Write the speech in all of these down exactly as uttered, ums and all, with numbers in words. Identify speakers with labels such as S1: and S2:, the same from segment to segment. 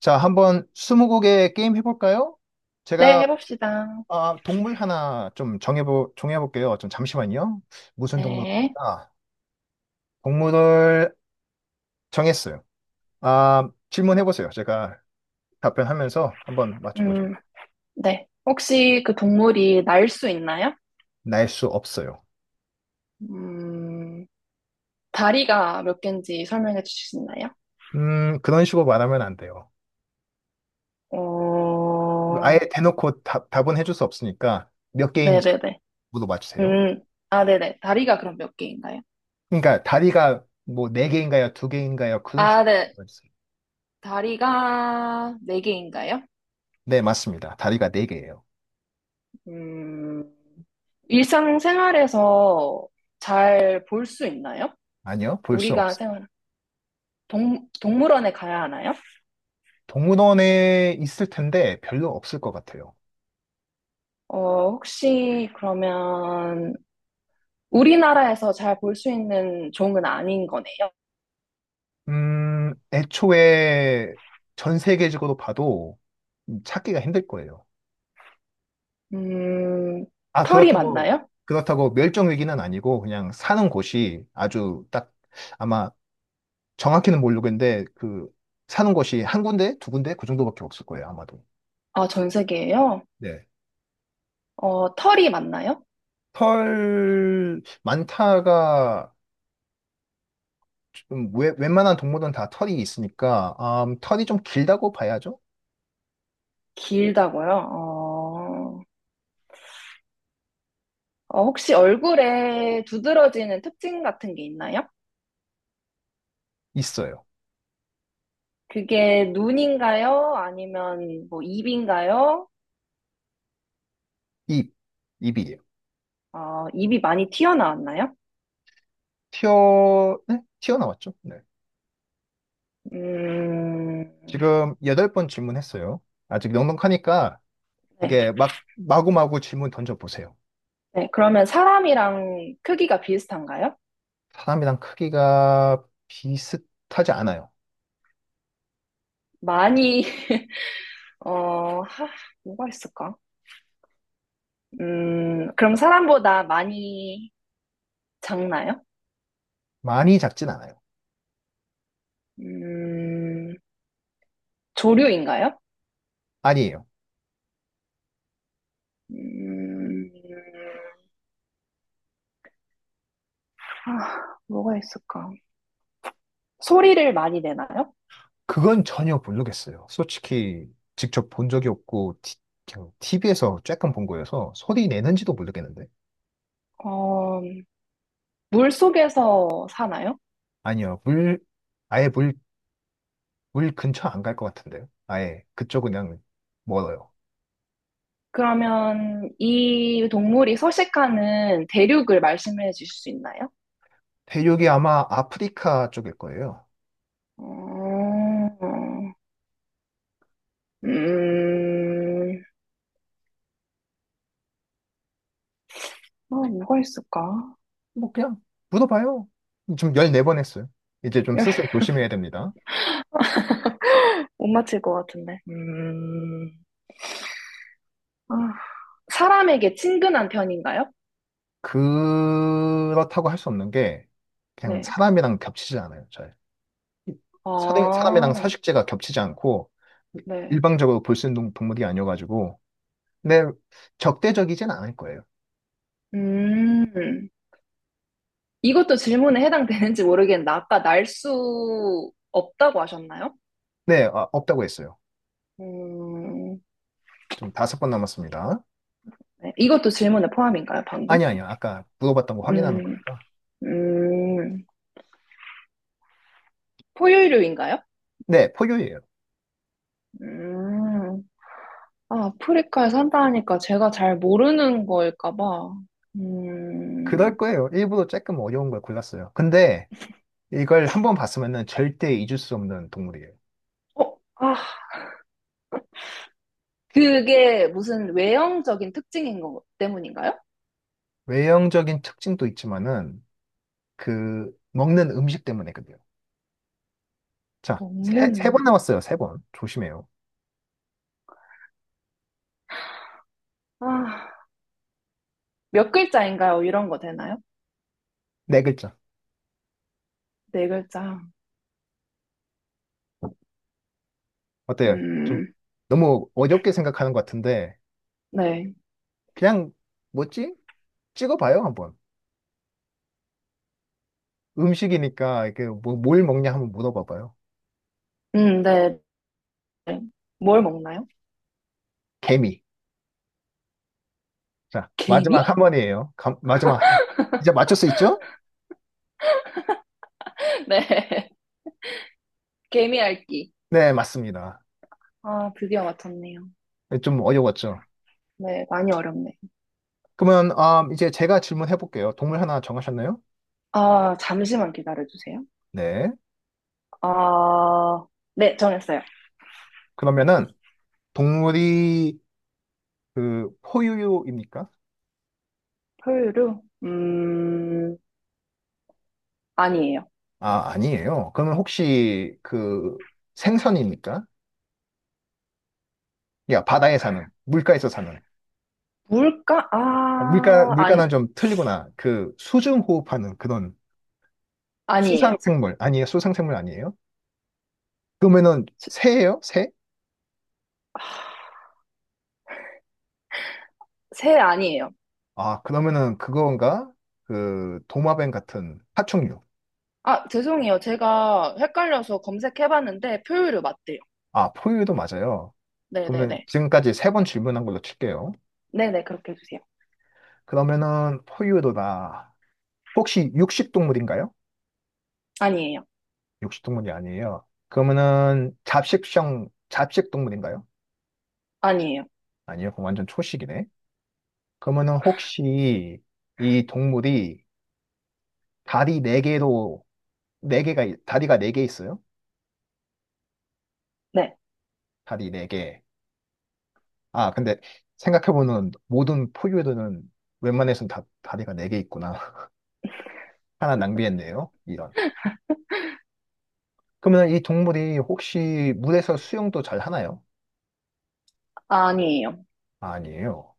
S1: 자, 한번 스무고개 게임 해볼까요?
S2: 네,
S1: 제가
S2: 해봅시다.
S1: 아, 동물 하나 좀 정해보, 정해볼게요. 좀 잠시만요. 무슨
S2: 네.
S1: 동물일까? 동물을 정했어요. 아, 질문해보세요. 제가 답변하면서 한번 맞춰보죠.
S2: 음, 네. 혹시 그 동물이 날 수 있나요?
S1: 날 수 없어요.
S2: 음, 다리가 몇 개인지 설명해 주실 수 있나요?
S1: 음, 그런 식으로 말하면 안 돼요. 아예
S2: 어,
S1: 대놓고 답, 답은 해줄 수 없으니까 몇 개인지
S2: 네네네.
S1: 물어봐주세요.
S2: 음, 아, 네네. 다리가 그럼 몇 개인가요?
S1: 그러니까 다리가 뭐 네 개인가요? 두 개인가요? 그런
S2: 아,
S1: 식으로
S2: 네.
S1: 물어봐주세요.
S2: 다리가 네 개인가요?
S1: 네, 맞습니다. 다리가 네 개예요.
S2: 음, 일상생활에서 잘 볼 수 있나요?
S1: 아니요, 볼 수
S2: 우리가
S1: 없어요.
S2: 생활, 동, 동물원에 가야 하나요?
S1: 동물원에 있을 텐데 별로 없을 것 같아요.
S2: 어, 혹시 그러면 우리나라에서 잘 볼 수 있는 종은 아닌 거네요.
S1: 음, 애초에 전 세계적으로 봐도 찾기가 힘들 거예요.
S2: 음,
S1: 아,
S2: 털이
S1: 그렇다고,
S2: 맞나요?
S1: 그렇다고 멸종 위기는 아니고 그냥 사는 곳이 아주 딱 아마 정확히는 모르겠는데 그 사는 곳이 한 군데, 두 군데 그 정도밖에 없을 거예요, 아마도.
S2: 아, 전 세계에요?
S1: 네.
S2: 어, 털이 맞나요?
S1: 털 많다가 좀 웬- 웬만한 동물은 다 털이 있으니까 음, 털이 좀 길다고 봐야죠.
S2: 길다고요? 어, 어, 혹시 얼굴에 두드러지는 특징 같은 게 있나요?
S1: 있어요.
S2: 그게 눈인가요? 아니면 뭐 입인가요?
S1: 입, 입이.
S2: 어, 입이 많이 튀어나왔나요?
S1: 튀어, 네? 튀어나왔죠? 네.
S2: 음,
S1: 지금 여덟 번 질문했어요. 아직 넉넉하니까
S2: 네.
S1: 이게 막 마구마구 질문 던져보세요.
S2: 네. 그러면 사람이랑 크기가 비슷한가요?
S1: 사람이랑 크기가 비슷하지 않아요.
S2: 많이, 어, 하, 뭐가 있을까? 음, 그럼 사람보다 많이 작나요?
S1: 많이 작진 않아요.
S2: 음, 조류인가요?
S1: 아니에요.
S2: 음, 아, 뭐가 있을까? 소리를 많이 내나요?
S1: 그건 전혀 모르겠어요. 솔직히 직접 본 적이 없고 티, 티비에서 쬐끔 본 거여서 소리 내는지도 모르겠는데.
S2: 어, 물 속에서 사나요?
S1: 아니요. 물, 아예 물, 물 근처 안 갈 것 같은데요. 아예 그쪽은 그냥 멀어요.
S2: 그러면 이 동물이 서식하는 대륙을 말씀해 주실 수 있나요?
S1: 대륙이 아마 아프리카 쪽일 거예요.
S2: 어, 음, 아, 뭐가 있을까?
S1: 뭐 그냥 물어봐요. 지금 십사 번 했어요. 이제 좀 스스로 조심해야 됩니다.
S2: 못 맞힐 것 같은데. 음, 아, 사람에게 친근한 편인가요?
S1: 그렇다고 할 수 없는 게 그냥
S2: 네.
S1: 사람이랑 겹치지 않아요. 잘. 사람- 사람이랑
S2: 아,
S1: 서식지가 겹치지 않고
S2: 네.
S1: 일방적으로 볼 수 있는 동물이 아니어가지고 근데 적대적이진 않을 거예요.
S2: 음, 이것도 질문에 해당되는지 모르겠는데, 아까 날 수 없다고 하셨나요?
S1: 네, 아, 없다고 했어요.
S2: 음,
S1: 좀 다섯 번 남았습니다.
S2: 네. 이것도 질문에 포함인가요, 방금?
S1: 아니, 아니요. 아까 물어봤던 거 확인하는
S2: 음,
S1: 거니까.
S2: 음, 포유류인가요?
S1: 네, 포유예요.
S2: 음, 아, 아프리카에 산다니까 제가 잘 모르는 거일까봐. 음,
S1: 그럴 거예요. 일부러 조금 어려운 걸 골랐어요. 근데 이걸 한 번 봤으면은 절대 잊을 수 없는 동물이에요.
S2: 어, 아, 그게 무슨 외형적인 특징인 것 때문인가요?
S1: 외형적인 특징도 있지만은 그 먹는 음식 때문에거든요. 자, 세, 세
S2: 먹는
S1: 번 나왔어요. 세 번. 조심해요.
S2: 아, 몇 글자인가요? 이런 거 되나요?
S1: 네 글자.
S2: 네 글자.
S1: 어때요? 좀
S2: 음,
S1: 너무 어렵게 생각하는 것 같은데
S2: 네.
S1: 그냥 뭐지? 찍어봐요 한번. 음식이니까 이게 뭐, 뭘 먹냐 한번 물어봐봐요.
S2: 음, 네. 네. 뭘 먹나요?
S1: 개미. 자,
S2: 개미?
S1: 마지막 한 번이에요. 감- 마지막 하나. 이제 맞출 수 있죠?
S2: 네. 개미 핥기.
S1: 네, 맞습니다.
S2: 아, 드디어 맞췄네요.
S1: 좀 어려웠죠.
S2: 네, 많이 어렵네.
S1: 그러면 아, 이제 제가 질문해 볼게요. 동물 하나 정하셨나요?
S2: 아, 잠시만 기다려주세요.
S1: 네.
S2: 아, 네, 정했어요.
S1: 그러면은 동물이 그 포유류입니까?
S2: 포유류? 음, 아니에요.
S1: 아, 아니에요. 그러면 혹시 그 생선입니까? 야, 바다에 사는, 물가에서 사는.
S2: 물가?
S1: 물가,
S2: 아, 아니,
S1: 물가는 좀 틀리구나. 그 수중 호흡하는 그런
S2: 아니에요.
S1: 수상생물. 아니에요. 수상생물 아니에요? 그러면은
S2: 새
S1: 새예요? 새?
S2: 새 아니에요.
S1: 아, 그러면은 그건가? 그 도마뱀 같은 파충류.
S2: 아, 죄송해요. 제가 헷갈려서 검색해봤는데 포유류 맞대요.
S1: 아, 포유류도 맞아요. 그러면
S2: 네네네.
S1: 지금까지 세 번 질문한 걸로 칠게요.
S2: 네네, 그렇게 해주세요.
S1: 그러면은 포유류다. 혹시 육식동물인가요?
S2: 아니에요.
S1: 육식동물이 아니에요. 그러면은 잡식성, 잡식동물인가요?
S2: 아니에요.
S1: 아니요, 그럼 완전 초식이네. 그러면은 혹시 이 동물이 다리 네개로네개가 다리가 네 개 있어요?
S2: 네.
S1: 다리 네개 아, 근데 생각해보면 모든 포유류는 웬만해는다 다리가 네 개 있구나. 하나 낭비했네요. 이런. 그러면 이 동물이 혹시 물에서 수영도 잘 하나요?
S2: 아니에요.
S1: 아니에요.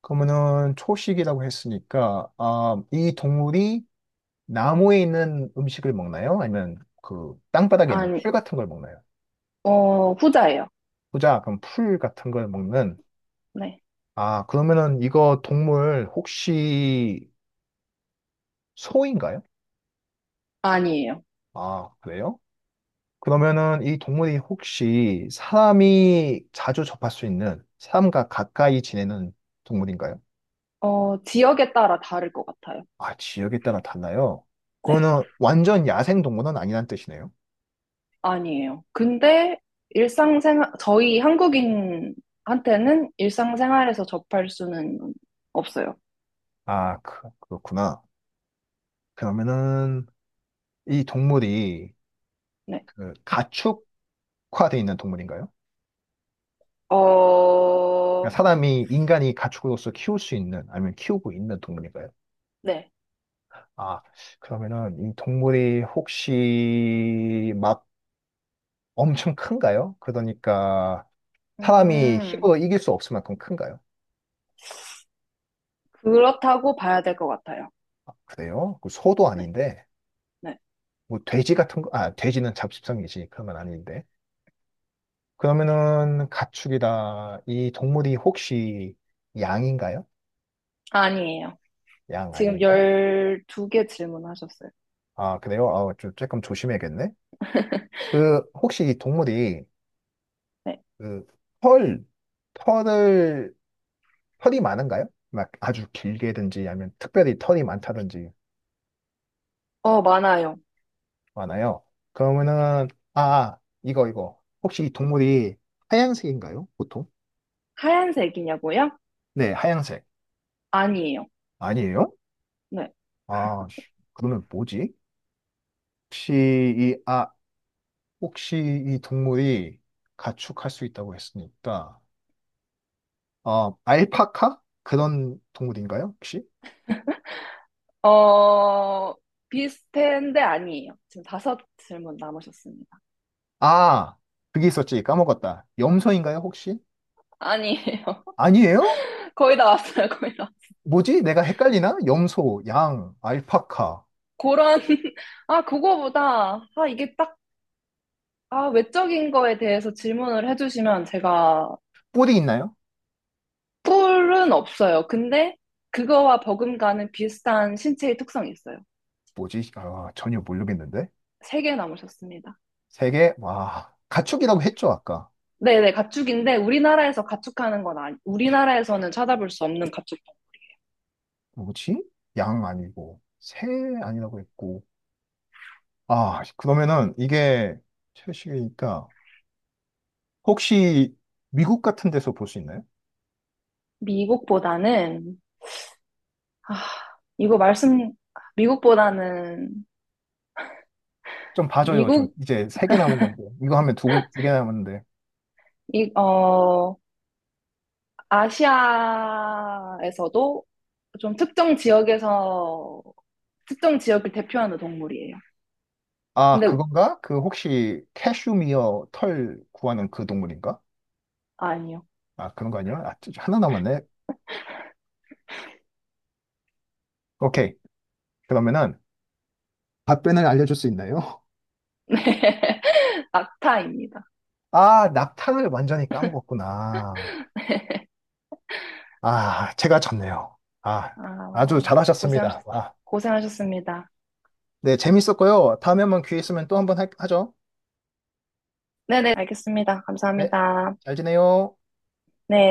S1: 그러면은 초식이라고 했으니까 아, 이 동물이 나무에 있는 음식을 먹나요? 아니면 그 땅바닥에 있는
S2: 아니,
S1: 풀 같은 걸 먹나요?
S2: 어, 후자예요.
S1: 보자, 그럼 풀 같은 걸 먹는.
S2: 네.
S1: 아, 그러면은 이거 동물 혹시 소인가요?
S2: 아니에요.
S1: 아, 그래요? 그러면은 이 동물이 혹시 사람이 자주 접할 수 있는 사람과 가까이 지내는 동물인가요?
S2: 어, 지역에 따라 다를 것 같아요.
S1: 아, 지역에 따라 달라요.
S2: 네.
S1: 그거는 완전 야생 동물은 아니란 뜻이네요.
S2: 아니에요. 근데 일상생활, 저희 한국인한테는 일상생활에서 접할 수는 없어요.
S1: 아, 그, 그렇구나. 그러면은 이 동물이
S2: 네.
S1: 그 가축화돼 있는 동물인가요?
S2: 어,
S1: 그러니까 사람이 인간이 가축으로서 키울 수 있는 아니면 키우고 있는 동물인가요?
S2: 네.
S1: 아, 그러면은 이 동물이 혹시 막 엄청 큰가요? 그러니까 사람이
S2: 음,
S1: 힘으로 이길 수 없을 만큼 큰가요?
S2: 그렇다고 봐야 될 것 같아요.
S1: 그래요? 그 소도
S2: 네.
S1: 아닌데
S2: 네.
S1: 뭐 돼지 같은 거, 아, 돼지는 잡식성이지. 그러면 아닌데. 그러면은 가축이다. 이 동물이 혹시 양인가요?
S2: 아니에요.
S1: 양
S2: 지금
S1: 아니에요?
S2: 열두 개 질문하셨어요.
S1: 아, 그래요? 아, 좀, 조금 조심해야겠네. 그, 혹시 이 동물이,
S2: 네.
S1: 그, 털, 털을, 털이 많은가요? 막 아주 길게든지, 아니면 특별히 털이 많다든지,
S2: 어, 많아요.
S1: 많아요. 그러면은, 아, 아, 이거, 이거. 혹시 이 동물이 하얀색인가요? 보통?
S2: 하얀색이냐고요?
S1: 네, 하얀색.
S2: 아니에요.
S1: 아니에요?
S2: 네.
S1: 아, 씨, 그러면 뭐지? 혹시 이, 아, 혹시 이 동물이 가축할 수 있다고 했으니까, 어, 알파카? 그런 동물인가요, 혹시?
S2: 어, 비슷한데 아니에요. 지금 다섯 질문 남으셨습니다.
S1: 아, 그게 있었지. 까먹었다. 염소인가요, 혹시?
S2: 아니에요.
S1: 아니에요?
S2: 거의 다 왔어요, 거의 다.
S1: 뭐지? 내가 헷갈리나? 염소, 양, 알파카.
S2: 그런, 아, 그거보다, 아, 이게 딱, 아, 외적인 거에 대해서 질문을 해주시면 제가
S1: 뿔이 있나요?
S2: 뿔은 없어요. 근데 그거와 버금가는 비슷한 신체의 특성이 있어요.
S1: 뭐지? 아, 전혀 모르겠는데.
S2: 세 개 남으셨습니다.
S1: 세 개? 와, 가축이라고 했죠, 아까.
S2: 네네, 가축인데 우리나라에서 가축하는 건 아니, 우리나라에서는 찾아볼 수 없는 가축.
S1: 뭐지? 양 아니고, 새 아니라고 했고. 아, 그러면은 이게 채식이니까 혹시 미국 같은 데서 볼 수 있나요?
S2: 미국보다는 아, 이거 말씀, 미국보다는,
S1: 좀 봐줘요. 좀
S2: 미국,
S1: 이제 세 개 남은 건데. 이거 하면 두, 개- 두개 남았는데.
S2: 이, 어, 아시아에서도 좀 특정 지역에서, 특정 지역을 대표하는 동물이에요.
S1: 아,
S2: 근데,
S1: 그건가? 그 혹시 캐슈미어 털 구하는 그 동물인가?
S2: 아, 아니요.
S1: 아, 그런 거 아니야? 아, 진짜 하나 남았네. 오케이. 그러면은 답변을 알려줄 수 있나요?
S2: 네. 낙타입니다.
S1: 아, 낙타를 완전히 까먹었구나. 아, 제가 졌네요. 아, 아주
S2: 아, 고생하셨,
S1: 잘하셨습니다. 아,
S2: 고생하셨습니다.
S1: 네, 재밌었고요. 다음에 한번 기회 있으면 또 한번 하- 하죠.
S2: 네네, 알겠습니다.
S1: 네,
S2: 감사합니다.
S1: 잘 지내요.
S2: 네.